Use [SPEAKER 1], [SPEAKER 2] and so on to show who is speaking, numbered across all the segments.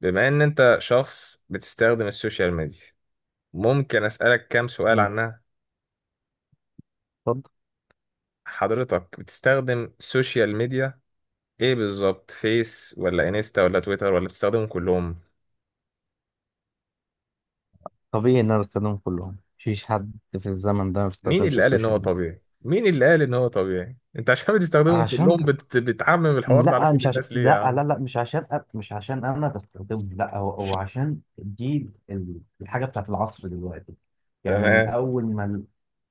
[SPEAKER 1] بما ان انت شخص بتستخدم السوشيال ميديا، ممكن اسألك كام سؤال
[SPEAKER 2] مم.
[SPEAKER 1] عنها.
[SPEAKER 2] اتفضل.
[SPEAKER 1] حضرتك بتستخدم السوشيال ميديا ايه بالظبط؟ فيس ولا انستا ولا تويتر ولا بتستخدمهم كلهم؟
[SPEAKER 2] طبيعي ان انا بستخدمهم كلهم، مفيش حد في الزمن ده ما
[SPEAKER 1] مين
[SPEAKER 2] بيستخدمش
[SPEAKER 1] اللي قال ان هو
[SPEAKER 2] السوشيال ميديا.
[SPEAKER 1] طبيعي مين اللي قال ان هو طبيعي انت عشان بتستخدمهم
[SPEAKER 2] عشان
[SPEAKER 1] كلهم بتعمم الحوار ده على
[SPEAKER 2] لا
[SPEAKER 1] كل
[SPEAKER 2] مش عشان
[SPEAKER 1] الناس ليه يا
[SPEAKER 2] لا
[SPEAKER 1] عم؟
[SPEAKER 2] لا لا مش عشان أ... مش عشان انا بستخدمه، لا، هو عشان دي الحاجه بتاعت العصر دلوقتي. يعني
[SPEAKER 1] تمام.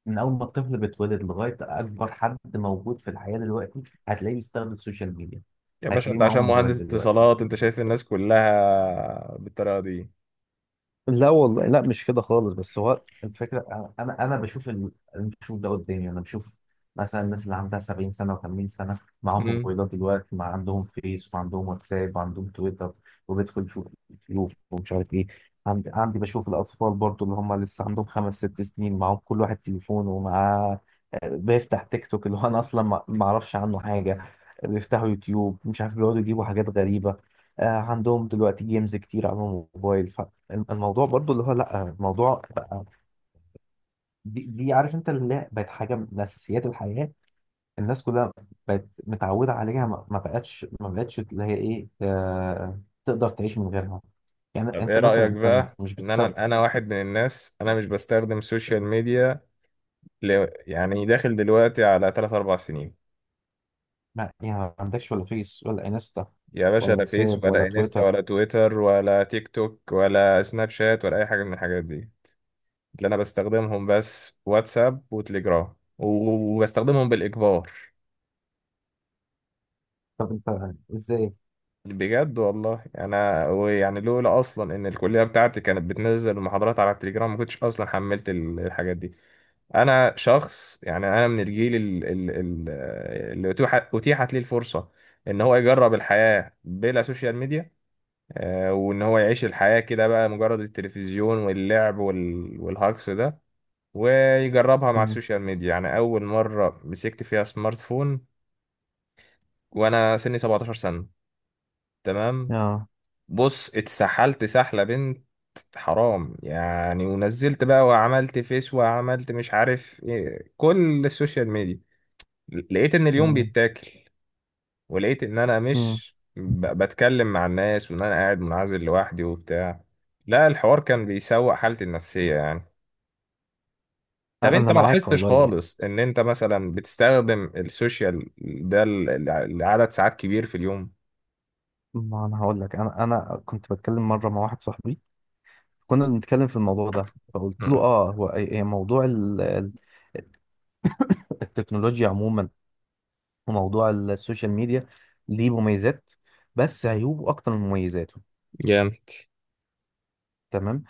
[SPEAKER 2] من اول ما الطفل بيتولد لغايه اكبر حد موجود في الحياه دلوقتي هتلاقيه بيستخدم السوشيال ميديا،
[SPEAKER 1] يا باشا
[SPEAKER 2] هتلاقيه
[SPEAKER 1] انت
[SPEAKER 2] معاه
[SPEAKER 1] عشان
[SPEAKER 2] موبايل
[SPEAKER 1] مهندس
[SPEAKER 2] دلوقتي.
[SPEAKER 1] اتصالات انت شايف الناس كلها بالطريقة دي؟
[SPEAKER 2] لا والله، لا مش كده خالص، بس هو الفكره انا انا أنا انا بشوف ده قدامي. انا بشوف مثلا الناس اللي عندها 70 سنه و80 سنه معاهم
[SPEAKER 1] امم
[SPEAKER 2] موبايلات دلوقتي، ما عندهم فيس وعندهم واتساب وعندهم تويتر وبيدخل يشوف يوتيوب ومش عارف ايه. عندي بشوف الاطفال برضو اللي هم لسه عندهم خمس ست سنين، معاهم كل واحد تليفون ومعاه، بيفتح تيك توك اللي هو انا اصلا ما اعرفش عنه حاجه، بيفتحوا يوتيوب مش عارف بيقعدوا يجيبوا حاجات غريبه. عندهم دلوقتي جيمز كتير على الموبايل. الموضوع برضو اللي هو لا، الموضوع بقى دي عارف انت اللي هي بقت حاجه من اساسيات الحياه، الناس كلها بقت متعوده عليها، ما بقتش اللي هي ايه، آه، تقدر تعيش من غيرها. يعني
[SPEAKER 1] طب
[SPEAKER 2] انت
[SPEAKER 1] ايه
[SPEAKER 2] مثلا
[SPEAKER 1] رأيك
[SPEAKER 2] انت
[SPEAKER 1] بقى
[SPEAKER 2] مش
[SPEAKER 1] ان
[SPEAKER 2] بتستخدم؟
[SPEAKER 1] انا واحد من الناس، انا مش بستخدم السوشيال ميديا، يعني داخل دلوقتي على تلات أربع سنين.
[SPEAKER 2] يعني ما عندكش ولا فيس ولا انستا
[SPEAKER 1] يا باشا،
[SPEAKER 2] ولا
[SPEAKER 1] لا فيس
[SPEAKER 2] واتساب ولا
[SPEAKER 1] ولا انستا
[SPEAKER 2] تويتر؟
[SPEAKER 1] ولا تويتر ولا تيك توك ولا سناب شات ولا أي حاجة من الحاجات دي. اللي أنا بستخدمهم بس واتساب وتليجرام وبستخدمهم بالإجبار.
[SPEAKER 2] طب انت ازاي؟
[SPEAKER 1] بجد والله. أنا لولا أصلا إن الكلية بتاعتي كانت بتنزل المحاضرات على التليجرام ما كنتش أصلا حملت الحاجات دي. أنا شخص، أنا من الجيل اللي أتيحت ليه الفرصة إن هو يجرب الحياة بلا سوشيال ميديا، آه، وان هو يعيش الحياة كده بقى مجرد التلفزيون واللعب والهجص ده، ويجربها مع
[SPEAKER 2] مم.
[SPEAKER 1] السوشيال ميديا. يعني اول مرة مسكت فيها سمارت فون وانا سني 17 سنة. تمام.
[SPEAKER 2] اه.
[SPEAKER 1] بص، اتسحلت سحلة بنت حرام يعني، ونزلت بقى وعملت فيس وعملت مش عارف ايه، كل السوشيال ميديا. لقيت ان اليوم
[SPEAKER 2] تمام.
[SPEAKER 1] بيتاكل، ولقيت ان انا
[SPEAKER 2] مم.
[SPEAKER 1] مش بتكلم مع الناس، وان انا قاعد منعزل لوحدي وبتاع. لا، الحوار كان بيسوء حالتي النفسية يعني. طب
[SPEAKER 2] انا
[SPEAKER 1] انت
[SPEAKER 2] أنا
[SPEAKER 1] ما
[SPEAKER 2] معاك
[SPEAKER 1] لاحظتش
[SPEAKER 2] والله يعني.
[SPEAKER 1] خالص ان انت مثلا بتستخدم السوشيال ده لعدد ساعات كبير في اليوم؟
[SPEAKER 2] ما انا هقول لك، انا كنت بتكلم مره مع واحد صاحبي، كنا بنتكلم في الموضوع ده فقلت
[SPEAKER 1] مم.
[SPEAKER 2] له اه، هو أي موضوع التكنولوجيا عموما وموضوع السوشيال ميديا ليه مميزات بس عيوبه اكتر من مميزاته.
[SPEAKER 1] جامد.
[SPEAKER 2] تمام.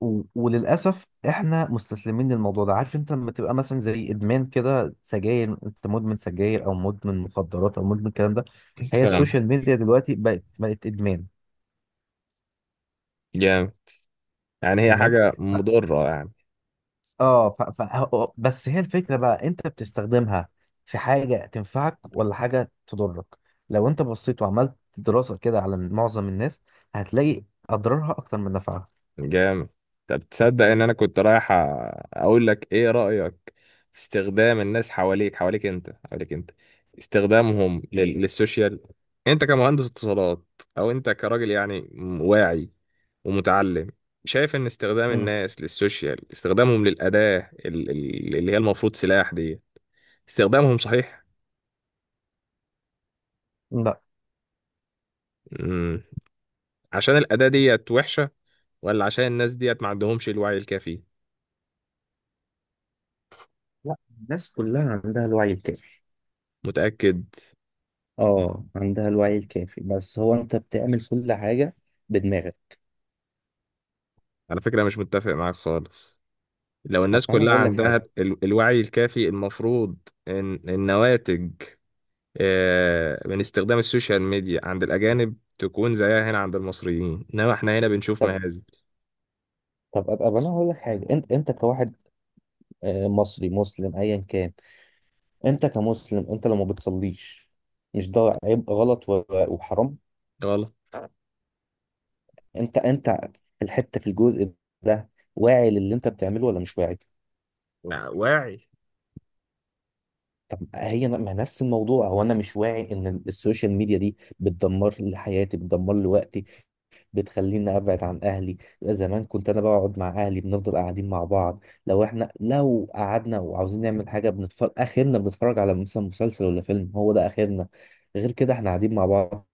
[SPEAKER 2] وللاسف احنا مستسلمين للموضوع ده. عارف انت لما تبقى مثلا زي ادمان كده سجاير، انت مدمن سجاير او مدمن مخدرات او مدمن الكلام ده، هي
[SPEAKER 1] فاهم.
[SPEAKER 2] السوشيال ميديا دلوقتي بقت ادمان.
[SPEAKER 1] جامد. يعني هي
[SPEAKER 2] تمام.
[SPEAKER 1] حاجة مضرة.
[SPEAKER 2] بس هي الفكرة بقى، انت بتستخدمها في حاجة تنفعك ولا حاجة تضرك؟ لو انت بصيت وعملت دراسة كده على معظم الناس، هتلاقي اضرارها اكتر من نفعها.
[SPEAKER 1] جامد. طب تصدق ان انا كنت رايح اقول لك ايه رأيك في استخدام الناس حواليك انت، استخدامهم للسوشيال؟ انت كمهندس اتصالات، او انت كراجل يعني واعي ومتعلم، شايف ان استخدام
[SPEAKER 2] مم.
[SPEAKER 1] الناس للسوشيال، استخدامهم للأداة اللي هي المفروض سلاح دي، استخدامهم صحيح؟
[SPEAKER 2] لا.
[SPEAKER 1] مم. عشان الأداة ديت وحشة، ولا عشان الناس ديت ما عندهمش الوعي الكافي؟
[SPEAKER 2] لا، الناس كلها عندها الوعي الكافي.
[SPEAKER 1] متأكد؟
[SPEAKER 2] اه، عندها الوعي الكافي، بس هو انت بتعمل كل حاجه بدماغك.
[SPEAKER 1] على فكرة مش متفق معاك خالص. لو
[SPEAKER 2] طب
[SPEAKER 1] الناس
[SPEAKER 2] ما انا
[SPEAKER 1] كلها
[SPEAKER 2] هقول لك
[SPEAKER 1] عندها
[SPEAKER 2] حاجه
[SPEAKER 1] الوعي الكافي، المفروض ان النواتج، آه، من استخدام السوشيال ميديا عند الأجانب تكون زيها هنا عند المصريين، انما احنا هنا بنشوف
[SPEAKER 2] طب
[SPEAKER 1] مهازل.
[SPEAKER 2] طب طب انا هقول لك حاجه. انت انت كواحد، مصري مسلم ايا كان، انت كمسلم، انت لما بتصليش مش ده عيب، غلط وحرام؟
[SPEAKER 1] غلط.
[SPEAKER 2] انت انت في الحته، في الجزء ده، واعي للي انت بتعمله ولا مش واعي؟
[SPEAKER 1] لا، واعي.
[SPEAKER 2] طب هي ما نفس الموضوع. هو انا مش واعي ان السوشيال ميديا دي بتدمر لي حياتي، بتدمر لي وقتي، بتخليني ابعد عن اهلي؟ زمان كنت انا بقعد مع اهلي، بنفضل قاعدين مع بعض، لو احنا لو قعدنا وعاوزين نعمل حاجه بنتفرج، اخرنا بنتفرج على مثلا مسلسل ولا فيلم، هو ده اخرنا، غير كده احنا قاعدين مع بعض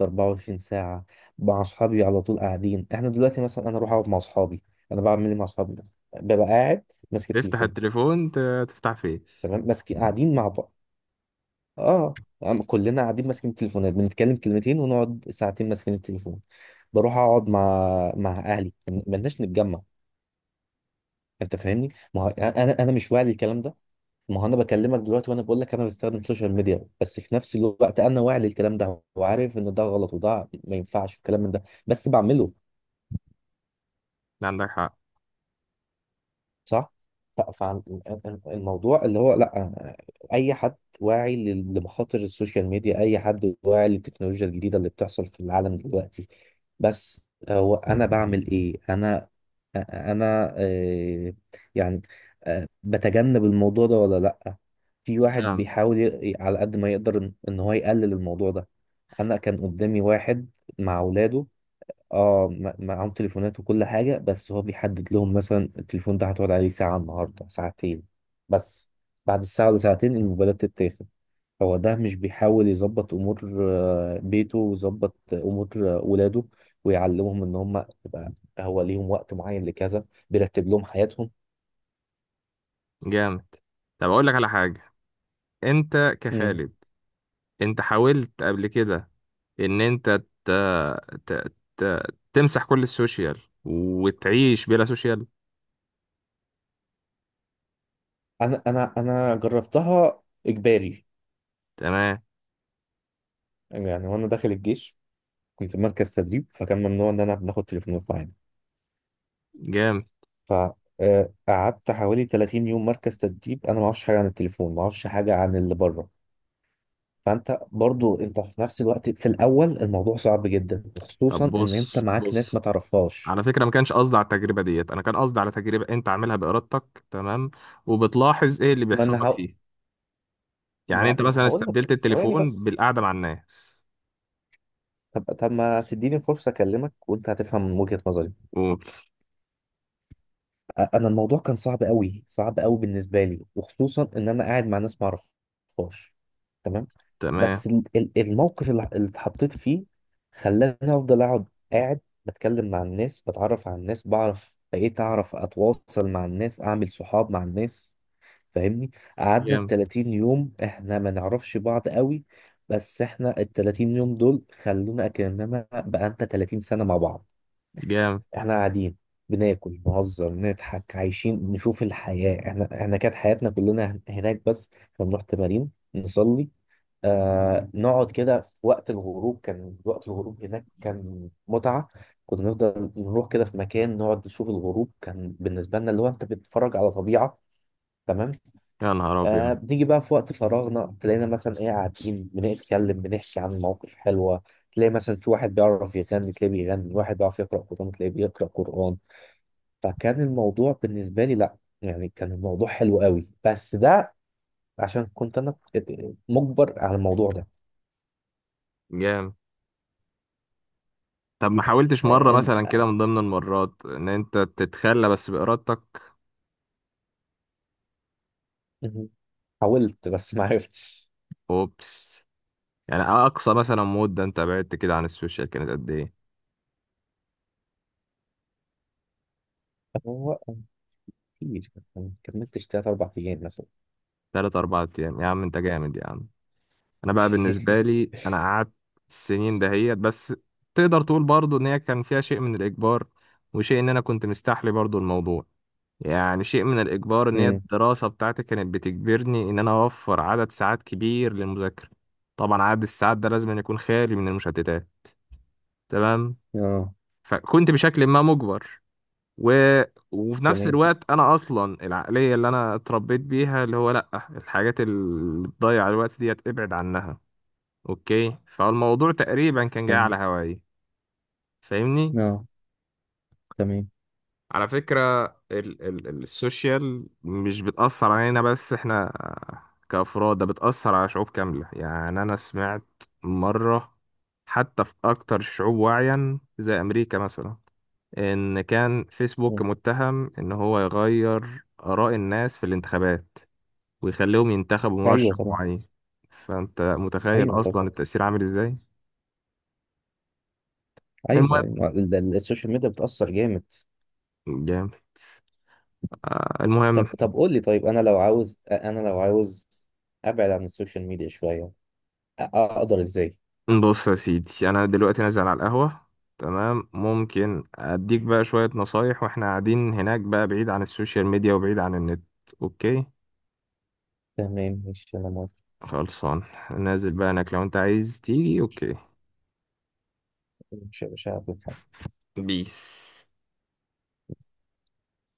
[SPEAKER 2] 24 ساعة. مع أصحابي على طول قاعدين، إحنا دلوقتي مثلا أنا أروح أقعد مع أصحابي، أنا بعمل إيه مع أصحابي؟ ببقى قاعد ماسك
[SPEAKER 1] تفتح
[SPEAKER 2] التليفون.
[SPEAKER 1] التليفون، تفتح فيس.
[SPEAKER 2] تمام، ماسك، قاعدين مع بعض، كلنا قاعدين ماسكين التليفونات، بنتكلم كلمتين ونقعد ساعتين ماسكين التليفون. بروح أقعد مع مع أهلي، مالناش نتجمع. أنت فاهمني؟ ما هو أنا مش واعي للكلام ده؟ ما هو أنا بكلمك دلوقتي وأنا بقول لك أنا بستخدم السوشيال ميديا، بس في نفس الوقت أنا واعي للكلام ده وعارف إن ده غلط وده ما ينفعش الكلام من ده، بس بعمله.
[SPEAKER 1] ده عندك حق.
[SPEAKER 2] صح. فالموضوع اللي هو لا، اي حد واعي لمخاطر السوشيال ميديا، اي حد واعي للتكنولوجيا الجديده اللي بتحصل في العالم دلوقتي، بس هو انا بعمل ايه؟ انا انا آه، يعني آه، بتجنب الموضوع ده ولا لا؟ في واحد
[SPEAKER 1] سام.
[SPEAKER 2] بيحاول على قد ما يقدر ان إن هو يقلل الموضوع ده. انا كان قدامي واحد مع اولاده، اه، معاهم تليفونات وكل حاجة، بس هو بيحدد لهم مثلا التليفون ده هتقعد عليه ساعة النهاردة، ساعتين بس، بعد الساعة ولا ساعتين الموبايلات تتاخد. هو ده مش بيحاول يظبط أمور بيته ويظبط أمور ولاده ويعلمهم إن هم يبقى هو ليهم وقت معين لكذا، بيرتب لهم حياتهم.
[SPEAKER 1] جامد. طب اقول لك على حاجة. انت
[SPEAKER 2] مم.
[SPEAKER 1] كخالد، انت حاولت قبل كده ان انت ت... ت... ت... تمسح كل السوشيال وتعيش بلا سوشيال؟
[SPEAKER 2] أنا جربتها إجباري،
[SPEAKER 1] تمام.
[SPEAKER 2] يعني وأنا داخل الجيش كنت في مركز تدريب، فكان ممنوع إن أنا بناخد تليفونات معانا،
[SPEAKER 1] جامد.
[SPEAKER 2] فقعدت حوالي 30 يوم مركز تدريب، انا ما اعرفش حاجه عن التليفون، ما اعرفش حاجه عن اللي بره. فانت برضو انت في نفس الوقت في الاول الموضوع صعب جدا،
[SPEAKER 1] طب
[SPEAKER 2] وخصوصا ان انت
[SPEAKER 1] بص
[SPEAKER 2] معاك ناس
[SPEAKER 1] بص،
[SPEAKER 2] ما تعرفهاش.
[SPEAKER 1] على فكرة ما كانش قصدي على التجربة ديت، أنا كان قصدي على تجربة أنت عاملها بإرادتك، تمام، وبتلاحظ إيه اللي
[SPEAKER 2] ما
[SPEAKER 1] بيحصل
[SPEAKER 2] انا
[SPEAKER 1] لك
[SPEAKER 2] هق...
[SPEAKER 1] فيه. يعني
[SPEAKER 2] ما
[SPEAKER 1] أنت
[SPEAKER 2] ما انا
[SPEAKER 1] مثلا
[SPEAKER 2] هقول لك
[SPEAKER 1] استبدلت
[SPEAKER 2] ثواني
[SPEAKER 1] التليفون
[SPEAKER 2] بس.
[SPEAKER 1] بالقعدة مع الناس.
[SPEAKER 2] طب ما تديني فرصه اكلمك وانت هتفهم وجهه نظري.
[SPEAKER 1] قول.
[SPEAKER 2] انا الموضوع كان صعب قوي، صعب قوي بالنسبه لي، وخصوصا ان انا قاعد مع ناس ما اعرفهاش. تمام.
[SPEAKER 1] تمام.
[SPEAKER 2] بس الموقف اللي اتحطيت فيه خلاني افضل اقعد قاعد بتكلم مع الناس، بتعرف على الناس، بعرف بقيت اعرف اتواصل مع الناس، اعمل صحاب مع الناس، فاهمني؟ قعدنا ال
[SPEAKER 1] جامد.
[SPEAKER 2] 30 يوم احنا ما نعرفش بعض قوي، بس احنا ال 30 يوم دول خلونا كاننا بقى انت 30 سنه مع بعض.
[SPEAKER 1] جامد.
[SPEAKER 2] احنا قاعدين بناكل، نهزر، نضحك، عايشين، نشوف الحياة، احنا كانت حياتنا كلنا هناك، بس احنا بنروح تمارين، نصلي، نقعد كده في وقت الغروب، كان وقت الغروب هناك كان متعة، كنا نفضل نروح كده في مكان نقعد نشوف الغروب، كان بالنسبة لنا اللي هو انت بتتفرج على طبيعة. تمام.
[SPEAKER 1] يا نهار أبيض.
[SPEAKER 2] بنيجي بقى في وقت فراغنا، تلاقينا مثلا ايه، قاعدين بنتكلم، بنحكي عن مواقف حلوة، تلاقي مثلا في واحد بيعرف يغني تلاقيه بيغني، واحد بيعرف يقرأ قرآن تلاقيه بيقرأ قرآن. فكان الموضوع بالنسبة لي لا، يعني كان الموضوع حلو قوي، بس ده عشان كنت انا مجبر على الموضوع ده.
[SPEAKER 1] جامد. طب ما حاولتش مرة
[SPEAKER 2] آه،
[SPEAKER 1] مثلا كده من ضمن المرات إن أنت تتخلى بس بإرادتك؟
[SPEAKER 2] إن- حاولت بس ما عرفتش.
[SPEAKER 1] أوبس. يعني أقصى مثلا مدة أنت بعدت كده عن السوشيال كانت قد إيه؟
[SPEAKER 2] هو كتير ما كملتش تلات اربع ايام مثلا.
[SPEAKER 1] تلات أربع أيام؟ يا عم أنت جامد يا عم. انا بقى بالنسبه لي انا قعدت السنين دهيت بس، تقدر تقول برضو ان هي كان فيها شيء من الاجبار وشيء ان انا كنت مستحلي برضو الموضوع. يعني شيء من الاجبار ان هي
[SPEAKER 2] مم.
[SPEAKER 1] الدراسه بتاعتي كانت بتجبرني ان انا اوفر عدد ساعات كبير للمذاكره. طبعا عدد الساعات ده لازم أن يكون خالي من المشتتات. تمام.
[SPEAKER 2] اه.
[SPEAKER 1] فكنت بشكل ما مجبر، و... وفي نفس
[SPEAKER 2] تمام.
[SPEAKER 1] الوقت انا اصلا العقليه اللي انا اتربيت بيها، اللي هو لا، الحاجات اللي بتضيع الوقت ديت ابعد عنها. اوكي. فالموضوع تقريبا كان جاي
[SPEAKER 2] تمام.
[SPEAKER 1] على هواي. فاهمني.
[SPEAKER 2] اه. تمام.
[SPEAKER 1] على فكرة السوشيال مش بتأثر علينا بس احنا كأفراد، ده بتأثر على شعوب كاملة. يعني أنا سمعت مرة حتى في أكتر الشعوب وعيا زي أمريكا مثلا، إن كان فيسبوك
[SPEAKER 2] مم.
[SPEAKER 1] متهم إن هو يغير آراء الناس في الانتخابات، ويخليهم ينتخبوا
[SPEAKER 2] ايوه
[SPEAKER 1] مرشح
[SPEAKER 2] طبعا.
[SPEAKER 1] معين. فأنت متخيل
[SPEAKER 2] ايوه طبعا.
[SPEAKER 1] أصلا التأثير عامل إزاي؟
[SPEAKER 2] ايوه،
[SPEAKER 1] المهم.
[SPEAKER 2] ايوه، السوشيال ميديا بتأثر جامد.
[SPEAKER 1] جامد. آه،
[SPEAKER 2] طب
[SPEAKER 1] المهم،
[SPEAKER 2] طب قول لي طيب، انا لو عاوز ابعد عن السوشيال ميديا شوية، اقدر ازاي؟
[SPEAKER 1] بص يا سيدي انا دلوقتي نازل على القهوة، تمام؟ ممكن اديك بقى شوية نصايح واحنا قاعدين هناك، بقى بعيد عن السوشيال ميديا وبعيد عن النت. اوكي.
[SPEAKER 2] تمام، ماشي، أنا موافق.
[SPEAKER 1] خلصان. نازل بقى هناك، لو انت عايز تيجي اوكي.
[SPEAKER 2] مش هقابلك.
[SPEAKER 1] بيس.